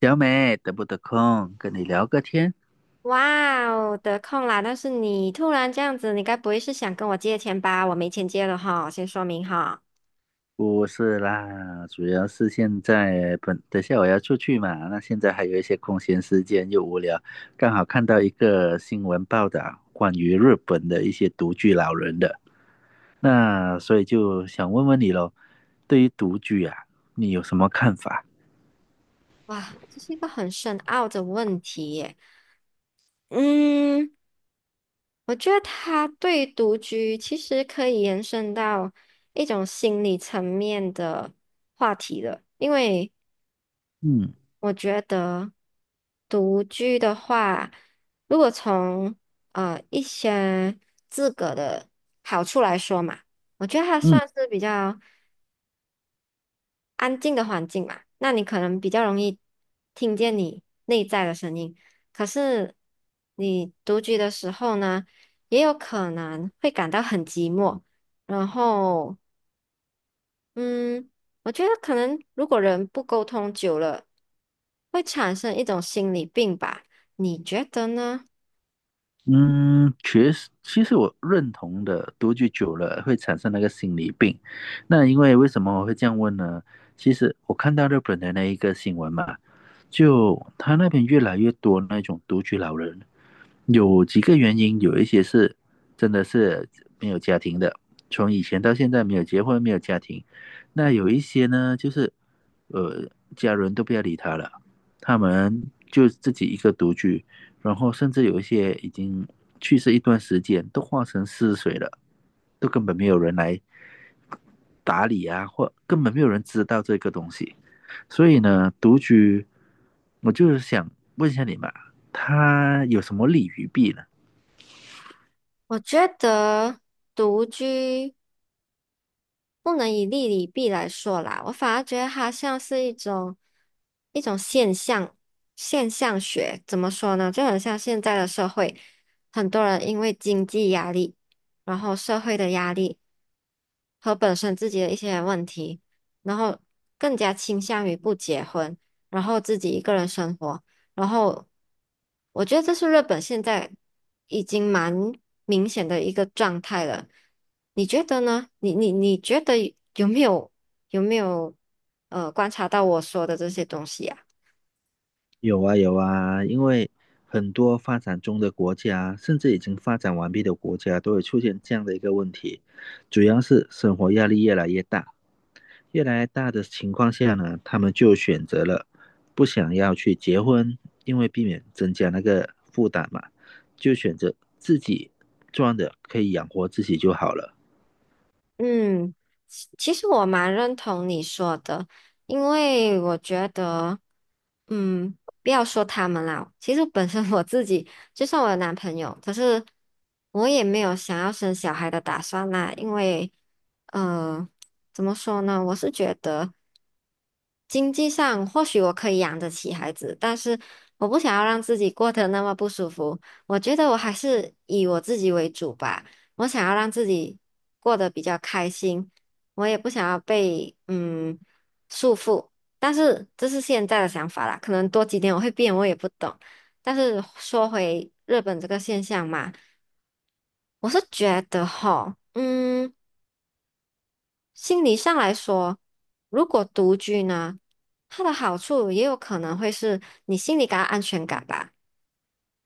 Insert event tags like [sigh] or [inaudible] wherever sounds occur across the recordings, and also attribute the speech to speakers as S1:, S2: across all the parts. S1: 小美，得不得空跟你聊个天？
S2: 哇哦，得空啦！但是你突然这样子，你该不会是想跟我借钱吧？我没钱借了哈，先说明哈。
S1: 不是啦，主要是现在本等下我要出去嘛，那现在还有一些空闲时间又无聊，刚好看到一个新闻报道关于日本的一些独居老人的，那所以就想问问你喽，对于独居啊，你有什么看法？
S2: 哇，这是一个很深奥的问题耶。嗯，我觉得它对独居其实可以延伸到一种心理层面的话题了，因为
S1: 嗯
S2: 我觉得独居的话，如果从一些自个的好处来说嘛。我觉得它
S1: 嗯。
S2: 算是比较安静的环境嘛，那你可能比较容易听见你内在的声音。可是你独居的时候呢，也有可能会感到很寂寞。然后，嗯，我觉得可能如果人不沟通久了，会产生一种心理病吧？你觉得呢？
S1: 嗯，确实，其实我认同的，独居久了会产生那个心理病。那为什么我会这样问呢？其实我看到日本的那一个新闻嘛，就他那边越来越多那种独居老人，有几个原因，有一些是真的是没有家庭的，从以前到现在没有结婚，没有家庭。那有一些呢，就是呃，家人都不要理他了，他们就自己一个独居，然后甚至有一些已经去世一段时间，都化成尸水了，都根本没有人来打理啊，或根本没有人知道这个东西。所以呢，独居，我就是想问一下你嘛，他有什么利与弊呢？
S2: 我觉得独居。不能以利与弊来说啦，我反而觉得它像是一种现象，现象学怎么说呢？就很像现在的社会，很多人因为经济压力，然后社会的压力。和本身自己的一些问题，然后更加倾向于不结婚，然后自己一个人生活。然后我觉得这是日本现在已经蛮明显的一个状态了。你觉得呢？你觉得有没有有没有观察到我说的这些东西啊？
S1: 有啊有啊，因为很多发展中的国家，甚至已经发展完毕的国家，都会出现这样的一个问题，主要是生活压力越来越大，越来越大的情况下呢，他们就选择了不想要去结婚，因为避免增加那个负担嘛，就选择自己赚的可以养活自己就好了。
S2: 嗯，其实我蛮认同你说的，因为我觉得，嗯，不要说他们啦，其实本身我自己，就算我有男朋友，可是我也没有想要生小孩的打算啦，因为，呃，怎么说呢？我是觉得。经济上或许我可以养得起孩子，但是我不想要让自己过得那么不舒服。我觉得我还是以我自己为主吧，我想要让自己过得比较开心，我也不想要被束缚。但是这是现在的想法啦，可能多几年我会变，我也不懂。但是说回日本这个现象嘛，我是觉得哈，嗯。心理上来说，如果独居呢，它的好处也有可能会是你心里感到安全感吧。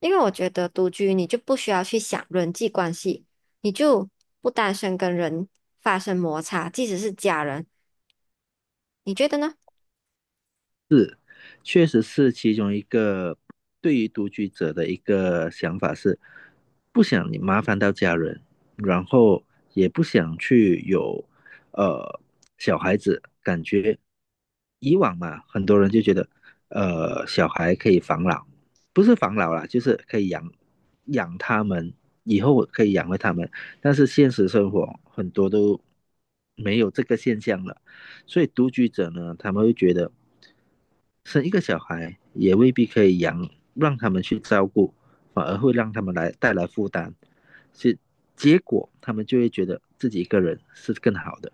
S2: 因为我觉得独居你就不需要去想人际关系，你就不担心跟人发生摩擦，即使是家人，你觉得呢？
S1: 确实是其中一个对于独居者的一个想法是，不想你麻烦到家人，然后也不想去有呃小孩子，感觉以往嘛，很多人就觉得，小孩可以防老，不是防老啦，就是可以养他们，以后可以养活他们。但是现实生活很多都没有这个现象了，所以独居者呢，他们会觉得生一个小孩也未必可以养，让他们去照顾，反而会让他们来带来负担，是结果他们就会觉得自己一个人是更好的。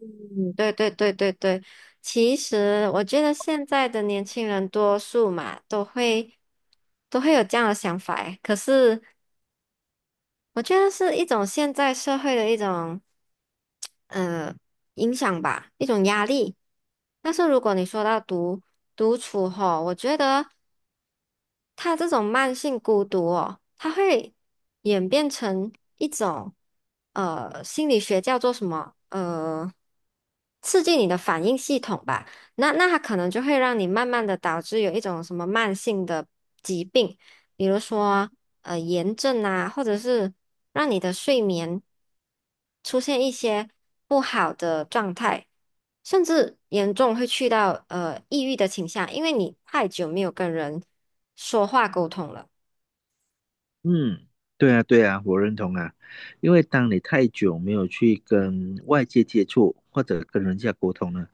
S2: 嗯，对对对对对，其实我觉得现在的年轻人多数嘛，都会有这样的想法诶，可是。我觉得是一种现在社会的一种呃影响吧，一种压力。但是如果你说到独处吼，我觉得他这种慢性孤独哦，它会演变成一种心理学叫做什么刺激你的反应系统吧。那它可能就会让你慢慢的导致有一种什么慢性的疾病。比如说炎症啊，或者是让你的睡眠出现一些不好的状态，甚至严重会去到抑郁的倾向，因为你太久没有跟人说话沟通了。
S1: 嗯，对啊，对啊，我认同啊，因为当你太久没有去跟外界接触或者跟人家沟通呢，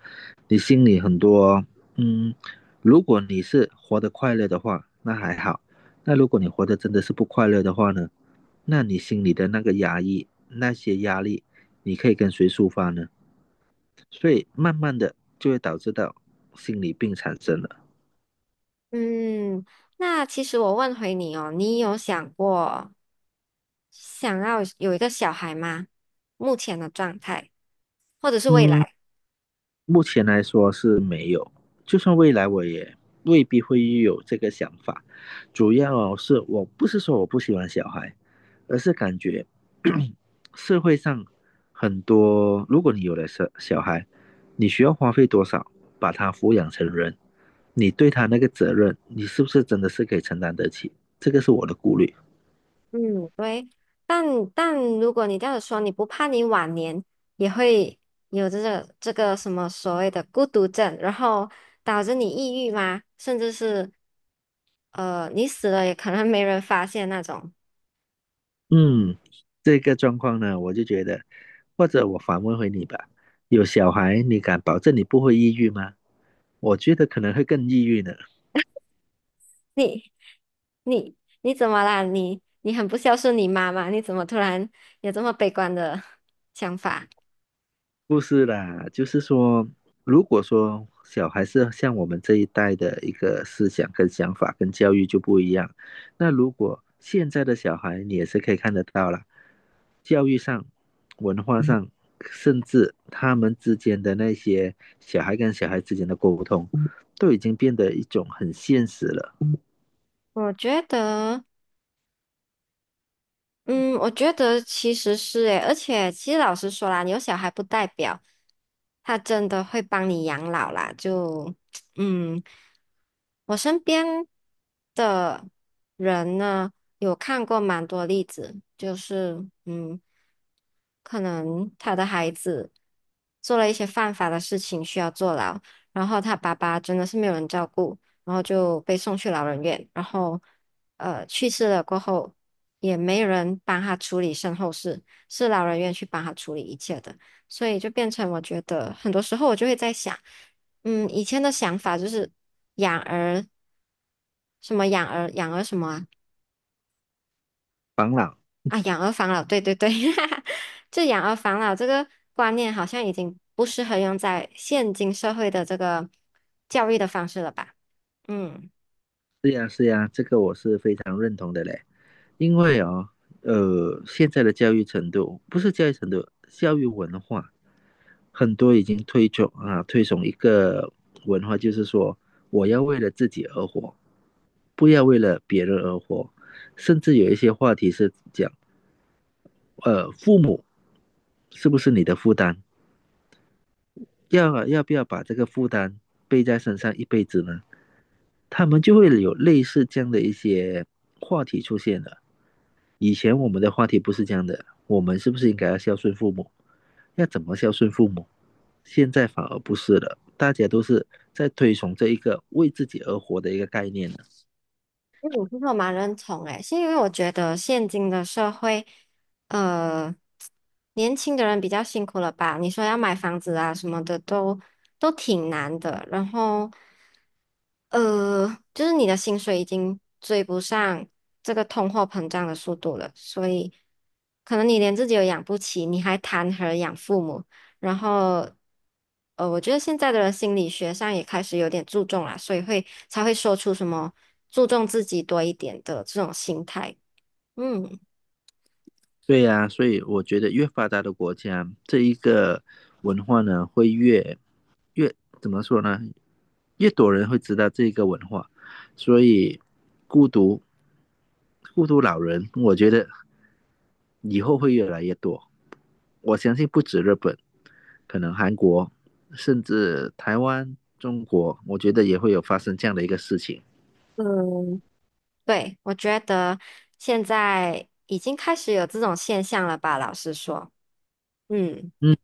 S1: 你心里很多，嗯，如果你是活得快乐的话，那还好；那如果你活得真的是不快乐的话呢，那你心里的那个压抑，那些压力，你可以跟谁抒发呢？所以慢慢的就会导致到心理病产生了。
S2: 嗯，那其实我问回你哦，你有想过想要有一个小孩吗？目前的状态，或者是未
S1: 嗯，
S2: 来？
S1: 目前来说是没有，就算未来我也未必会有这个想法。主要是我不是说我不喜欢小孩，而是感觉 [coughs] 社会上很多，如果你有了小孩，你需要花费多少把他抚养成人，你对他那个责任，你是不是真的是可以承担得起？这个是我的顾虑。
S2: 嗯，对，但但如果你这样说，你不怕你晚年也会有这个什么所谓的孤独症，然后导致你抑郁吗？甚至是，你死了也可能没人发现那种。
S1: 嗯，这个状况呢，我就觉得，或者我反问回你吧，有小孩，你敢保证你不会抑郁吗？我觉得可能会更抑郁呢。
S2: 你你你怎么啦？你很不孝顺你妈妈，你怎么突然有这么悲观的 [laughs] 想法？
S1: 不是啦，就是说，如果说小孩是像我们这一代的一个思想跟想法跟教育就不一样，那如果现在的小孩，你也是可以看得到啦，教育上、文化上，嗯甚至他们之间的那些小孩跟小孩之间的沟通，都已经变得一种很现实了。
S2: 我觉得。嗯，我觉得其实是诶，而且其实老实说啦，你有小孩不代表他真的会帮你养老啦。就 [tsk] 嗯，我身边的人呢，有看过蛮多例子，就是,可能他的孩子做了一些犯法的事情需要坐牢，然后他爸爸真的是没有人照顾，然后就被送去老人院，然后去世了过后。也没人帮他处理身后事，是老人院去帮他处理一切的，所以就变成我觉得很多时候我就会在想，以前的想法就是养儿什么养儿养儿什么啊
S1: 防老，
S2: 啊养儿防老，对对对，[laughs] 就养儿防老这个观念好像已经不适合用在现今社会的这个教育的方式了吧，嗯。
S1: 是呀是呀，这个我是非常认同的嘞。因为啊，现在的教育程度不是教育程度，教育文化很多已经推崇啊，推崇一个文化，就是说我要为了自己而活，不要为了别人而活，甚至有一些话题是讲，父母是不是你的负担？要不要把这个负担背在身上一辈子呢？他们就会有类似这样的一些话题出现了。以前我们的话题不是这样的，我们是不是应该要孝顺父母？要怎么孝顺父母？现在反而不是了，大家都是在推崇这一个为自己而活的一个概念呢。
S2: 嗯，其实我蛮认同诶，是因为我觉得现今的社会，呃，年轻的人比较辛苦了吧？你说要买房子啊什么的都挺难的，然后，呃，就是你的薪水已经追不上这个通货膨胀的速度了，所以可能你连自己都养不起，你还谈何养父母？然后，我觉得现在的心理学上也开始有点注重啦，所以会才会说出什么注重自己多一点的这种心态。嗯，
S1: 对呀、所以我觉得越发达的国家，这一个文化呢会越越怎么说呢？越多人会知道这个文化，所以孤独孤独老人，我觉得以后会越来越多。我相信不止日本，可能韩国，甚至台湾、中国，我觉得也会有发生这样的一个事情。
S2: 嗯，对，我觉得现在已经开始有这种现象了吧，老实说。嗯，
S1: 嗯，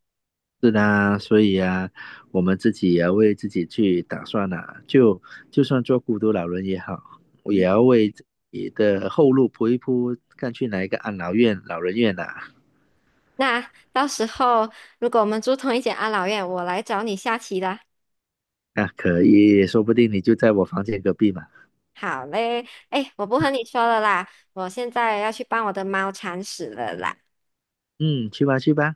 S1: 是的，所以啊，我们自己也要为自己去打算呐、就就算做孤独老人也好，我也要为自己的后路铺一铺，看去哪一个安老院、老人院呐、
S2: 那到时候如果我们住同一间安老院，我来找你下棋啦。
S1: 啊。可以，说不定你就在我房间隔壁嘛。
S2: 好嘞，哎，我不和你说了啦，我现在要去帮我的猫铲屎了啦。
S1: 嗯，去吧去吧，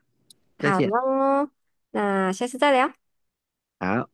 S1: 再
S2: 好
S1: 见。
S2: 喽，那下次再聊。
S1: 好。